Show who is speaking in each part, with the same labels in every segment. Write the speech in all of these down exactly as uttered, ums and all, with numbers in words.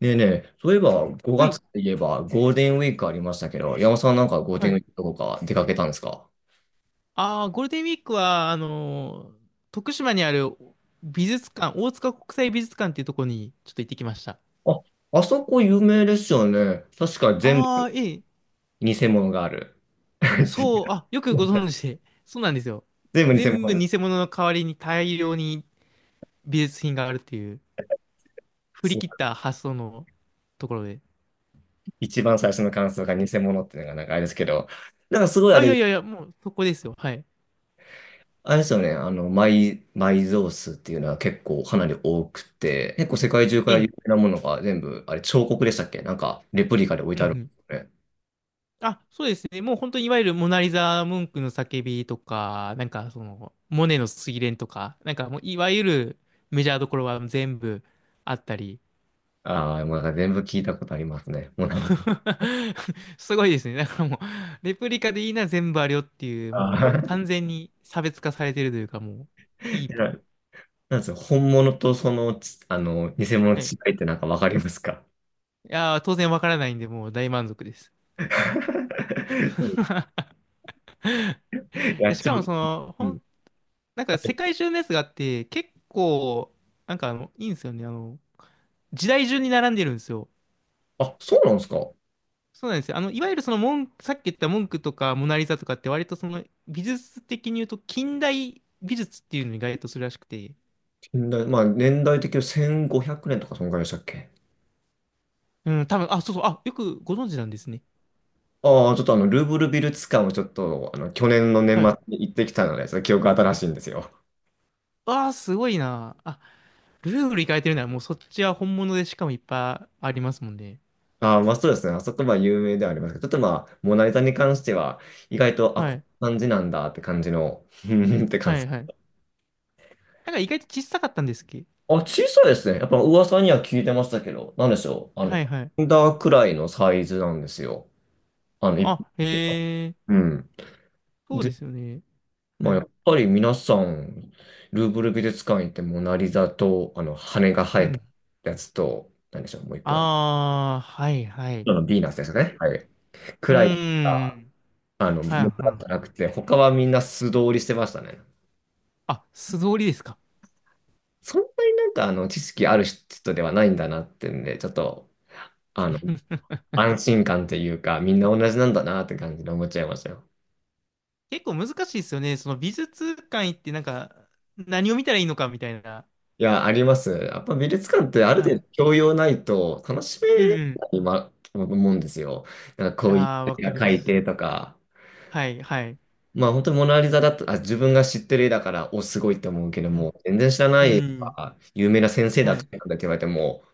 Speaker 1: ねえねえ、そういえば
Speaker 2: は
Speaker 1: 5
Speaker 2: い。
Speaker 1: 月といえばゴールデンウィークありましたけど、山本さんなんかゴール
Speaker 2: は
Speaker 1: デンウィ
Speaker 2: い。
Speaker 1: ークどこか出かけたんですか？
Speaker 2: ああ、ゴールデンウィークは、あのー徳島にある美術館、大塚国際美術館っていうところにちょっと行ってきました。
Speaker 1: あ、あそこ有名ですよね。確か全
Speaker 2: あ
Speaker 1: 部
Speaker 2: あ、ええ。
Speaker 1: 偽物がある。
Speaker 2: そう、あ、よくご存知で。そうなんですよ。
Speaker 1: 全部偽
Speaker 2: 全部
Speaker 1: 物で
Speaker 2: 偽物の代わりに大量に美術品があるっていう、振り切
Speaker 1: す。
Speaker 2: った発想のところで。
Speaker 1: 一番最初の感想が偽物っていうのがなんかあれですけど、なんかすごいあ
Speaker 2: あ、いや
Speaker 1: れ、
Speaker 2: いやいや、もうそこですよ。はい。
Speaker 1: あれですよね、あの、埋、埋蔵数っていうのは結構かなり多くて、結構世界中か
Speaker 2: え
Speaker 1: ら有
Speaker 2: え。
Speaker 1: 名なものが全部、あれ彫刻でしたっけ？なんかレプリカで置い
Speaker 2: う
Speaker 1: て
Speaker 2: んう
Speaker 1: あるんで
Speaker 2: ん。
Speaker 1: すよね。
Speaker 2: あ、そうですね。もう本当にいわゆるモナリザ・ムンクの叫びとか、なんかその、モネの睡蓮とか、なんかもういわゆるメジャーどころは全部あったり。
Speaker 1: ああ、なんか全部聞いたことありますね。もうない。
Speaker 2: すごいですね。だからもう、レプリカでいいな全部あるよっていう、
Speaker 1: あ
Speaker 2: もう
Speaker 1: ー。
Speaker 2: 完全に差別化されてるというか、もう、いい。
Speaker 1: ななんですよ、本物とそのち、あの、偽物の
Speaker 2: はい。い
Speaker 1: 違いってなんかわかりますか？
Speaker 2: やー、当然わからないんで、もう大満足です。
Speaker 1: そう、 や
Speaker 2: や、
Speaker 1: っ
Speaker 2: し
Speaker 1: ち
Speaker 2: か
Speaker 1: ゃ
Speaker 2: も
Speaker 1: う。
Speaker 2: その、
Speaker 1: う
Speaker 2: ほん、
Speaker 1: ん。
Speaker 2: なんか世界中のやつがあって、結構、なんかあの、いいんですよね。あの、時代順に並んでるんですよ。
Speaker 1: あ、そうなんですか。
Speaker 2: そうなんですよ。あの、いわゆるその文、さっき言った文句とかモナリザとかって割とその美術的に言うと近代美術っていうのに該当するらしくて。
Speaker 1: 近代、まあ、年代的にせんごひゃくねんとかそんぐらいでしたっけ？
Speaker 2: うん、多分、あ、そうそう、あ、よくご存知なんですね。
Speaker 1: ああー、ちょっとあの、ルーブル美術館をちょっと、あの、去年の年
Speaker 2: は
Speaker 1: 末
Speaker 2: い。
Speaker 1: に行ってきたので、その記憶新しいんですよ。
Speaker 2: ああ、すごいな。あ、ルーブル行かれてるならもうそっちは本物でしかもいっぱいありますもんね。
Speaker 1: ああ、まあそうですね。あそこは有名ではありますけど、ちょっとまあ、モナリザに関しては、意外と、あ、
Speaker 2: は
Speaker 1: こん
Speaker 2: い。
Speaker 1: な感じなんだって感じの、うんって感
Speaker 2: は
Speaker 1: じ。
Speaker 2: いはい。なんか意外と小さかったんですっけ？
Speaker 1: あ、小さいですね。やっぱ噂には聞いてましたけど、なんでしょう。あの、
Speaker 2: はいはい。
Speaker 1: ハンダーくらいのサイズなんですよ。あの、一般
Speaker 2: あ、
Speaker 1: 的な。
Speaker 2: へえ、
Speaker 1: うん。
Speaker 2: そうで
Speaker 1: で、
Speaker 2: すよね。は
Speaker 1: まあ、や
Speaker 2: い。
Speaker 1: っぱり皆さん、ルーブル美術館行ってモナリザと、あの、羽が生
Speaker 2: う
Speaker 1: えた
Speaker 2: ん。
Speaker 1: やつと、なんでしょう、もう一個の、
Speaker 2: ああ、はいはい。
Speaker 1: あの、ヴィーナスですね。
Speaker 2: え、
Speaker 1: はい。く
Speaker 2: う
Speaker 1: らい、
Speaker 2: ーん。
Speaker 1: あの、も
Speaker 2: は
Speaker 1: の
Speaker 2: い
Speaker 1: だっ
Speaker 2: は
Speaker 1: た
Speaker 2: い。
Speaker 1: らなくて、他はみんな素通りしてましたね。
Speaker 2: あ、素通りですか。
Speaker 1: そんなになんか、あの、知識ある人ではないんだなってんで、ちょっと、安心感というか、みんな同じなんだなって感じで思っちゃいましたよ。
Speaker 2: 結構難しいですよね。その美術館行ってなんか何を見たらいいのかみたいな。
Speaker 1: いや、あります。やっぱ美術館ってある
Speaker 2: は
Speaker 1: 程度
Speaker 2: い。
Speaker 1: 教養ないと楽し
Speaker 2: う
Speaker 1: め
Speaker 2: ん
Speaker 1: ないまと思うんですよ。なんか
Speaker 2: う
Speaker 1: こ
Speaker 2: ん。
Speaker 1: ういう
Speaker 2: ああ、わ
Speaker 1: 絵
Speaker 2: か
Speaker 1: が
Speaker 2: りま
Speaker 1: 描い
Speaker 2: す。
Speaker 1: てとか。
Speaker 2: はいはい。
Speaker 1: まあ本当にモナリザだと、あ、自分が知ってる絵だから、お、すごいって思うけど
Speaker 2: うん。
Speaker 1: も、全然知らな
Speaker 2: う
Speaker 1: い絵と
Speaker 2: ん。
Speaker 1: か、有名な先生だ
Speaker 2: は
Speaker 1: とか
Speaker 2: い。
Speaker 1: って言われても、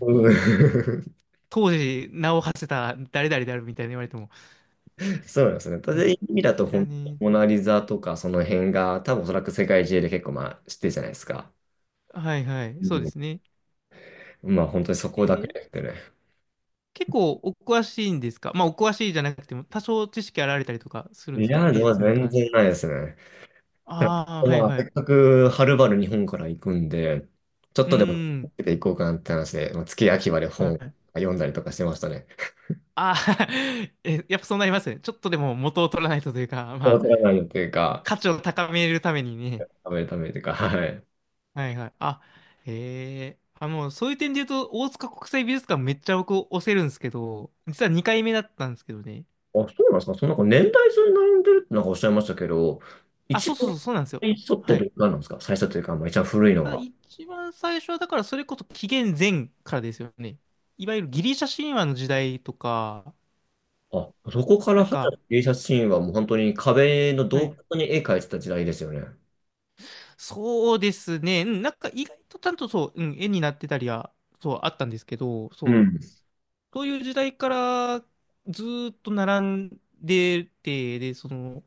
Speaker 1: うん。
Speaker 2: 当時名を馳せた誰々であるみたいに言われても。
Speaker 1: そうなんですね。ただ
Speaker 2: ね。
Speaker 1: 意味だと
Speaker 2: 知ら
Speaker 1: 本当に
Speaker 2: ね
Speaker 1: モナリザとかその辺が、多分おそらく世界中で結構まあ知ってるじゃないですか。
Speaker 2: え。はいはい。
Speaker 1: う
Speaker 2: そうで
Speaker 1: ん、
Speaker 2: すね。
Speaker 1: まあ本当にそ
Speaker 2: え
Speaker 1: こだけ
Speaker 2: ー
Speaker 1: ですね。
Speaker 2: 結構お詳しいんですか？まあお詳しいじゃなくても多少知識あられたりとかする
Speaker 1: い
Speaker 2: んですか？
Speaker 1: や、
Speaker 2: 美
Speaker 1: でも
Speaker 2: 術に
Speaker 1: 全
Speaker 2: 関し
Speaker 1: 然
Speaker 2: て。
Speaker 1: ないですね。ただ
Speaker 2: ああ、はい
Speaker 1: まあ、
Speaker 2: はい。
Speaker 1: せ
Speaker 2: う
Speaker 1: っかくはるばる日本から行くんで、ちょっ
Speaker 2: ー
Speaker 1: とでも
Speaker 2: ん。
Speaker 1: 行こうかなって話で、まあ、月秋まで
Speaker 2: は
Speaker 1: 本
Speaker 2: い。
Speaker 1: 読んだりとかしてましたね。
Speaker 2: ああ、 え、やっぱそうなりますね。ちょっとでも元を取らないとというか、ま
Speaker 1: お
Speaker 2: あ、
Speaker 1: らないよっていうか、
Speaker 2: 価値を高めるためにね。
Speaker 1: 食べるためというか、はい。
Speaker 2: はいはい。あ、へえ。あ、もうそういう点で言うと、大塚国際美術館めっちゃ僕押せるんですけど、実はにかいめだったんですけどね。
Speaker 1: あ、そうなんですか。そのなんか年代順に並んでるってなんかおっしゃいましたけど、
Speaker 2: あ、
Speaker 1: 一
Speaker 2: そうそう
Speaker 1: 番
Speaker 2: そう、そうなんですよ。
Speaker 1: 最初って
Speaker 2: は
Speaker 1: ど
Speaker 2: い。
Speaker 1: れなんですか？最初というか、まあ、一番古いの
Speaker 2: あ、
Speaker 1: は。
Speaker 2: 一番最初は、だからそれこそ紀元前からですよね。いわゆるギリシャ神話の時代とか、
Speaker 1: あ、そこから
Speaker 2: なん
Speaker 1: 始まっ
Speaker 2: か、
Speaker 1: た芸術シーンはもう本当に壁の
Speaker 2: は
Speaker 1: 洞
Speaker 2: い。
Speaker 1: 窟に絵描いてた時代ですよね。
Speaker 2: そうですね。うん、なんか意外とちゃんとそう、うん、絵になってたりは、そう、あったんですけど、
Speaker 1: う
Speaker 2: そう。
Speaker 1: ん、
Speaker 2: そういう時代からずーっと並んでて、で、その、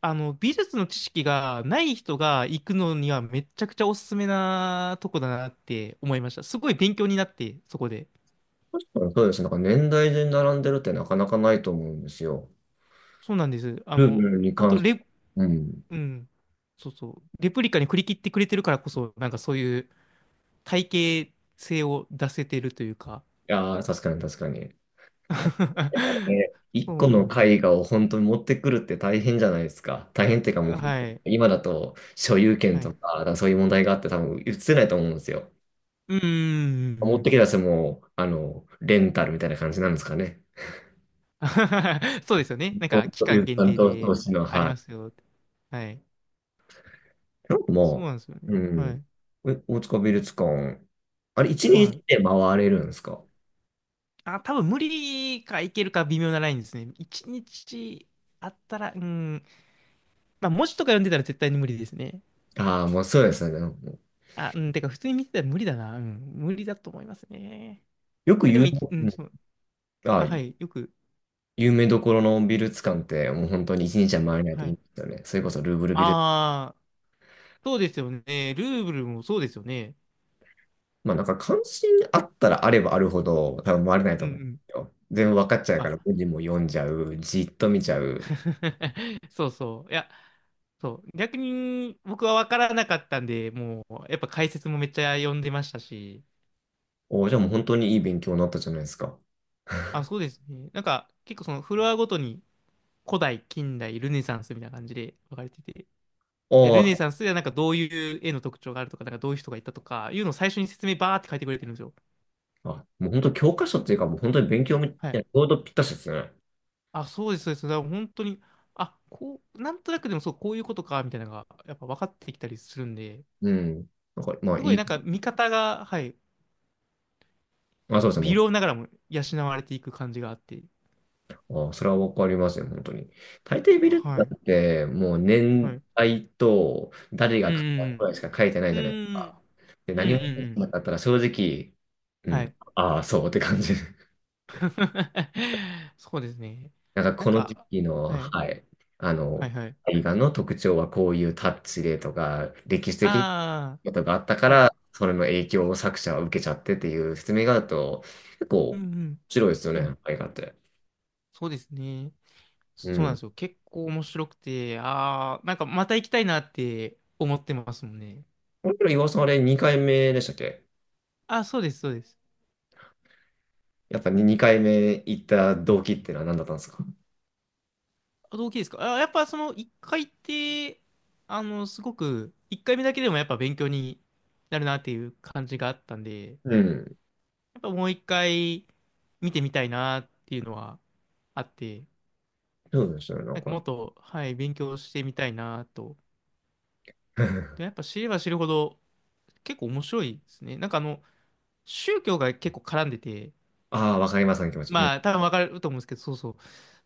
Speaker 2: あの、美術の知識がない人が行くのにはめちゃくちゃおすすめなとこだなって思いました。すごい勉強になって、そこで。
Speaker 1: 確かにそうですね。なんか年代順に並んでるってなかなかないと思うんですよ。
Speaker 2: そうなんです。あ
Speaker 1: 部
Speaker 2: の、
Speaker 1: 分に
Speaker 2: 本
Speaker 1: 関
Speaker 2: 当
Speaker 1: して。
Speaker 2: レ、
Speaker 1: うん。い
Speaker 2: うん、そうそう。レプリカに振り切ってくれてるからこそ、なんかそういう体系性を出せてるというか。
Speaker 1: やー、確かに確かに。いや ね、一
Speaker 2: そ
Speaker 1: 個
Speaker 2: うな
Speaker 1: の
Speaker 2: んです。
Speaker 1: 絵画を本当に持ってくるって大変じゃないですか。大変っていうかもう、
Speaker 2: はい。
Speaker 1: 今だと所有権
Speaker 2: は
Speaker 1: と
Speaker 2: い。
Speaker 1: か、だからそういう問題があって多分映せないと思うんですよ。
Speaker 2: うんうんう
Speaker 1: 持っ
Speaker 2: ん。
Speaker 1: てきた人も、あの、レンタルみたいな感じなんですかね。
Speaker 2: そうですよね。なん
Speaker 1: そ
Speaker 2: か
Speaker 1: う
Speaker 2: 期
Speaker 1: そ
Speaker 2: 間
Speaker 1: う、
Speaker 2: 限
Speaker 1: 担
Speaker 2: 定
Speaker 1: 当投
Speaker 2: で
Speaker 1: 資の、
Speaker 2: あり
Speaker 1: はい。
Speaker 2: ますよって。はい。
Speaker 1: なんか
Speaker 2: そう
Speaker 1: も
Speaker 2: なんですよね。
Speaker 1: う、う
Speaker 2: は
Speaker 1: ん。
Speaker 2: い。
Speaker 1: え、大塚美術館、あれ、一
Speaker 2: は
Speaker 1: 日
Speaker 2: い。
Speaker 1: で回れるんですか？
Speaker 2: あ、多分無理かいけるか微妙なラインですね。一日あったら、うん。まあ文字とか読んでたら絶対に無理ですね。
Speaker 1: ああ、もうそうですね。もう
Speaker 2: あ、うん。てか普通に見てたら無理だな。うん。無理だと思いますね。
Speaker 1: よく
Speaker 2: え、でも
Speaker 1: 有名、
Speaker 2: い、う
Speaker 1: う
Speaker 2: ん、
Speaker 1: ん、
Speaker 2: そう。
Speaker 1: あ
Speaker 2: あ、
Speaker 1: あ、
Speaker 2: はい。よく。
Speaker 1: 有名どころの美術館ってもう本当に一日は回れないで
Speaker 2: は
Speaker 1: いいん
Speaker 2: い。
Speaker 1: ですよね。それこそルーブル美術。
Speaker 2: ああ、そうですよね。ルーブルもそうですよね。
Speaker 1: まあなんか関心あったらあればあるほど多分回れない
Speaker 2: う
Speaker 1: と
Speaker 2: んう
Speaker 1: 思うんで
Speaker 2: ん。
Speaker 1: すよ。全部分かっちゃうか
Speaker 2: あ、
Speaker 1: ら文字も読んじゃう。じっと見ちゃう。
Speaker 2: そうそう。いや、そう。逆に僕は分からなかったんで、もう、やっぱ解説もめっちゃ読んでましたし、
Speaker 1: おー、じゃあもう本当にいい勉強になったじゃないですか。
Speaker 2: あ、そうですね。なんか、結構そのフロアごとに古代、近代、ルネサンスみたいな感じで分かれてて、
Speaker 1: お
Speaker 2: で、ルネ
Speaker 1: ー、
Speaker 2: サンスではなんかどういう絵の特徴があるとか、なんかどういう人がいたとか、いうのを最初に説明バーって書いてくれてるんですよ。
Speaker 1: あ、もう本当教科書っていうかもう本当に勉強み
Speaker 2: は
Speaker 1: た
Speaker 2: い。
Speaker 1: いな、ちょうどぴったしですね。
Speaker 2: あ、そうです、そうです。だから本当に、あ、こう、なんとなくでもそう、こういうことか、みたいなのが、やっぱ分かってきたりするんで、
Speaker 1: うん。なんかまあ
Speaker 2: すご
Speaker 1: い
Speaker 2: いな
Speaker 1: い。
Speaker 2: んか見方が、はい、
Speaker 1: あ、そうです
Speaker 2: 微
Speaker 1: ね。
Speaker 2: 量ながらも養われていく感じがあって。
Speaker 1: ああ、それはわかりますね、本当に。大抵ビル
Speaker 2: は
Speaker 1: ダー
Speaker 2: い。
Speaker 1: って、もう
Speaker 2: は
Speaker 1: 年
Speaker 2: い。
Speaker 1: 代と誰
Speaker 2: う
Speaker 1: が買ったくら
Speaker 2: ん。
Speaker 1: いしか書いてない
Speaker 2: うん。う
Speaker 1: じゃないですか。
Speaker 2: ん。
Speaker 1: で、
Speaker 2: うん。うん
Speaker 1: 何
Speaker 2: う
Speaker 1: も
Speaker 2: ん
Speaker 1: 書
Speaker 2: う
Speaker 1: いてな
Speaker 2: ん。
Speaker 1: かったら正直、う
Speaker 2: はい。
Speaker 1: ん、ああ、そうって感じ。
Speaker 2: そうですね。
Speaker 1: なんか
Speaker 2: な
Speaker 1: こ
Speaker 2: ん
Speaker 1: の時
Speaker 2: か、
Speaker 1: 期の、
Speaker 2: はい。
Speaker 1: はい、あ
Speaker 2: はい
Speaker 1: の、
Speaker 2: はい。
Speaker 1: 映画の特徴はこういうタッチでとか、歴史的
Speaker 2: あ
Speaker 1: なことがあったか
Speaker 2: あ、はい。
Speaker 1: ら、それの影響を作者は受けちゃってっていう説明があると、結構
Speaker 2: うん
Speaker 1: 面
Speaker 2: うん。
Speaker 1: 白いですよ
Speaker 2: う
Speaker 1: ね、
Speaker 2: ん。
Speaker 1: 映画って。
Speaker 2: そうですね。
Speaker 1: う
Speaker 2: そうなん
Speaker 1: ん。
Speaker 2: ですよ。結構面白くて、ああ、なんかまた行きたいなって思ってますもんね。
Speaker 1: これ、岩尾さん、あれにかいめでしたっけ？
Speaker 2: あ、そうです、そうです。
Speaker 1: やっぱにかいめ行った動機ってのは何だったんですか？
Speaker 2: あ、動機ですか。あ、やっぱその一回って、あの、すごく、一回目だけでもやっぱ勉強になるなっていう感じがあったんで、や
Speaker 1: うん。
Speaker 2: っぱもう一回見てみたいなっていうのはあって、
Speaker 1: そうでしたね、な
Speaker 2: な
Speaker 1: ん
Speaker 2: んか
Speaker 1: か。
Speaker 2: もっと、はい、勉強してみたいなと。で、やっ ぱ知れば知るほど結構面白いですね。なんかあの、宗教が結構絡んでて、
Speaker 1: ああ、わかりますね、その気持ち。う
Speaker 2: ま
Speaker 1: ん。
Speaker 2: あ多分わかると思うんですけど、そうそう。だ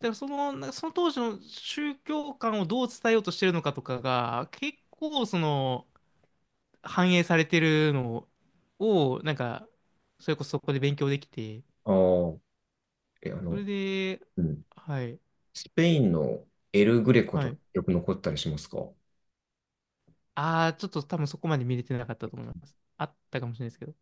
Speaker 2: からその、なんかその当時の宗教観をどう伝えようとしてるのかとかが、結構その、反映されてるのを、なんか、それこそそこで勉強できて、
Speaker 1: ああ、え、あ
Speaker 2: それ
Speaker 1: の、
Speaker 2: で、
Speaker 1: うん。
Speaker 2: はい、
Speaker 1: スペインのエルグレコ
Speaker 2: は
Speaker 1: とか
Speaker 2: い。
Speaker 1: よく残ったりしますか？
Speaker 2: ああ、ちょっと多分そこまで見れてなかったと思います。あったかもしれないですけど。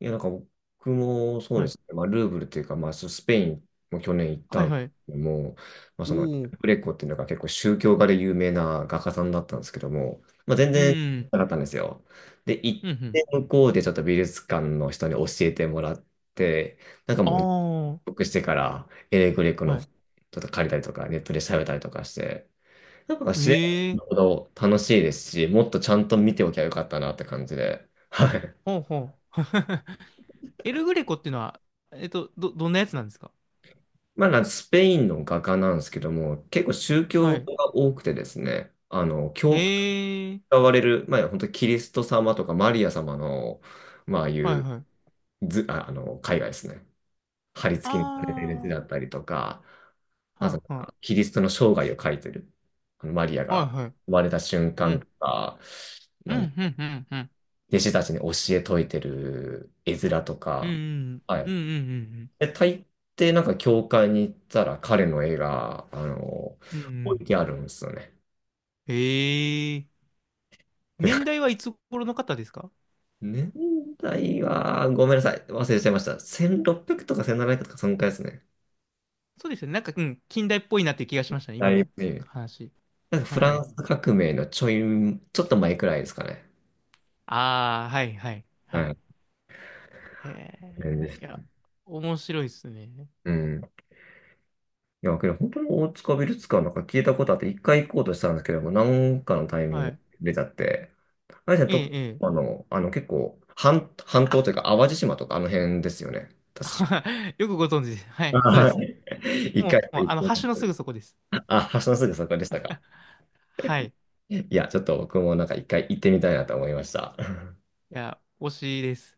Speaker 1: いや、なんか僕もそう
Speaker 2: は
Speaker 1: で
Speaker 2: い、
Speaker 1: すね。まあ、ルーブルっていうか、まあ、スペインも去年行った
Speaker 2: はい、
Speaker 1: んです
Speaker 2: はい。
Speaker 1: けども、まあ、
Speaker 2: お
Speaker 1: その、
Speaker 2: お、
Speaker 1: グレコっていうのが結構宗教画で有名な画家さんだったんですけども、まあ、全
Speaker 2: う
Speaker 1: 然
Speaker 2: ん、
Speaker 1: なかったんですよ。で、行
Speaker 2: う
Speaker 1: っ
Speaker 2: ん、うん。
Speaker 1: て向こうでちょっと美術館の人に教えてもらって、なんかもう入
Speaker 2: あ
Speaker 1: 国してから、エレグレコ
Speaker 2: あ、は
Speaker 1: のち
Speaker 2: い。
Speaker 1: ょっと借りたりとか、ネットで調べたりとかして、なんか知れば知
Speaker 2: え
Speaker 1: る
Speaker 2: え、
Speaker 1: ほど楽しいですし、もっとちゃんと見ておきゃよかったなって感じで、はい。
Speaker 2: ほうほう。エルグレコっていうのは、えっと、ど、どんなやつなんですか？
Speaker 1: まあ、なんかスペインの画家なんですけども、結構宗
Speaker 2: は
Speaker 1: 教
Speaker 2: い。
Speaker 1: が多くてですね、あの、教会
Speaker 2: え
Speaker 1: が
Speaker 2: え、
Speaker 1: 割れる、まあ、本当にキリスト様とかマリア様の、まあ、ああい
Speaker 2: はい、
Speaker 1: う
Speaker 2: はい。
Speaker 1: ず、あ、あの、絵画ですね。貼り付きにされてる図だっ
Speaker 2: あ
Speaker 1: たりとか、
Speaker 2: あ、
Speaker 1: あとな
Speaker 2: は
Speaker 1: ん
Speaker 2: あ、は
Speaker 1: かキリストの生涯を描いてる、あのマリア
Speaker 2: あ、
Speaker 1: が
Speaker 2: はい、はい。
Speaker 1: 生まれた瞬
Speaker 2: う
Speaker 1: 間と
Speaker 2: ん、
Speaker 1: か、
Speaker 2: う
Speaker 1: なん
Speaker 2: ん、うん、うん、うん。
Speaker 1: 弟子たちに教え説いてる絵面と
Speaker 2: う
Speaker 1: か、
Speaker 2: ん
Speaker 1: は
Speaker 2: うんう
Speaker 1: い。
Speaker 2: ん
Speaker 1: え、大抵なんか教会に行ったら彼の絵が、あの、
Speaker 2: うんうんうんう
Speaker 1: 置
Speaker 2: ん、
Speaker 1: いてあるんですよね。
Speaker 2: へえ、
Speaker 1: て
Speaker 2: 年
Speaker 1: か、
Speaker 2: 代はいつ頃の方ですか？
Speaker 1: 年代は、ごめんなさい。忘れちゃいました。せんろっぴゃくとかせんななひゃくとかそのくらいですね。
Speaker 2: そうですよね、なんか、うん、近代っぽいなっていう気がしましたね、
Speaker 1: だ
Speaker 2: 今
Speaker 1: い
Speaker 2: の
Speaker 1: ぶね。
Speaker 2: 話。
Speaker 1: なんかフ
Speaker 2: は
Speaker 1: ラン
Speaker 2: い、
Speaker 1: ス革命のちょい、ちょっと前くらいですかね。
Speaker 2: ああー、はいはいは
Speaker 1: は
Speaker 2: い。
Speaker 1: い。
Speaker 2: へ
Speaker 1: 全然、
Speaker 2: え、いや面白いですね。
Speaker 1: うん。いや、けど本当に大塚ビルツ館なんか聞いたことあって、一回行こうとしたんですけども、なんかのタイミン
Speaker 2: は
Speaker 1: グ
Speaker 2: い。
Speaker 1: 出ちゃって、あれじゃと、
Speaker 2: ええ
Speaker 1: あ
Speaker 2: え
Speaker 1: の、あの結構半、半島というか淡路島とかあの辺ですよね。
Speaker 2: え。
Speaker 1: 確
Speaker 2: よくご存知です。はい、
Speaker 1: か。
Speaker 2: そうで
Speaker 1: は
Speaker 2: す。
Speaker 1: い。一
Speaker 2: も
Speaker 1: 回
Speaker 2: う、もう
Speaker 1: 行
Speaker 2: あ
Speaker 1: っ
Speaker 2: の
Speaker 1: てみ
Speaker 2: 橋のすぐそこです。
Speaker 1: た、あ、橋のすぐそこでしたか。
Speaker 2: はい。い
Speaker 1: いや、ちょっと僕もなんか一回行ってみたいなと思いました。
Speaker 2: や推しです。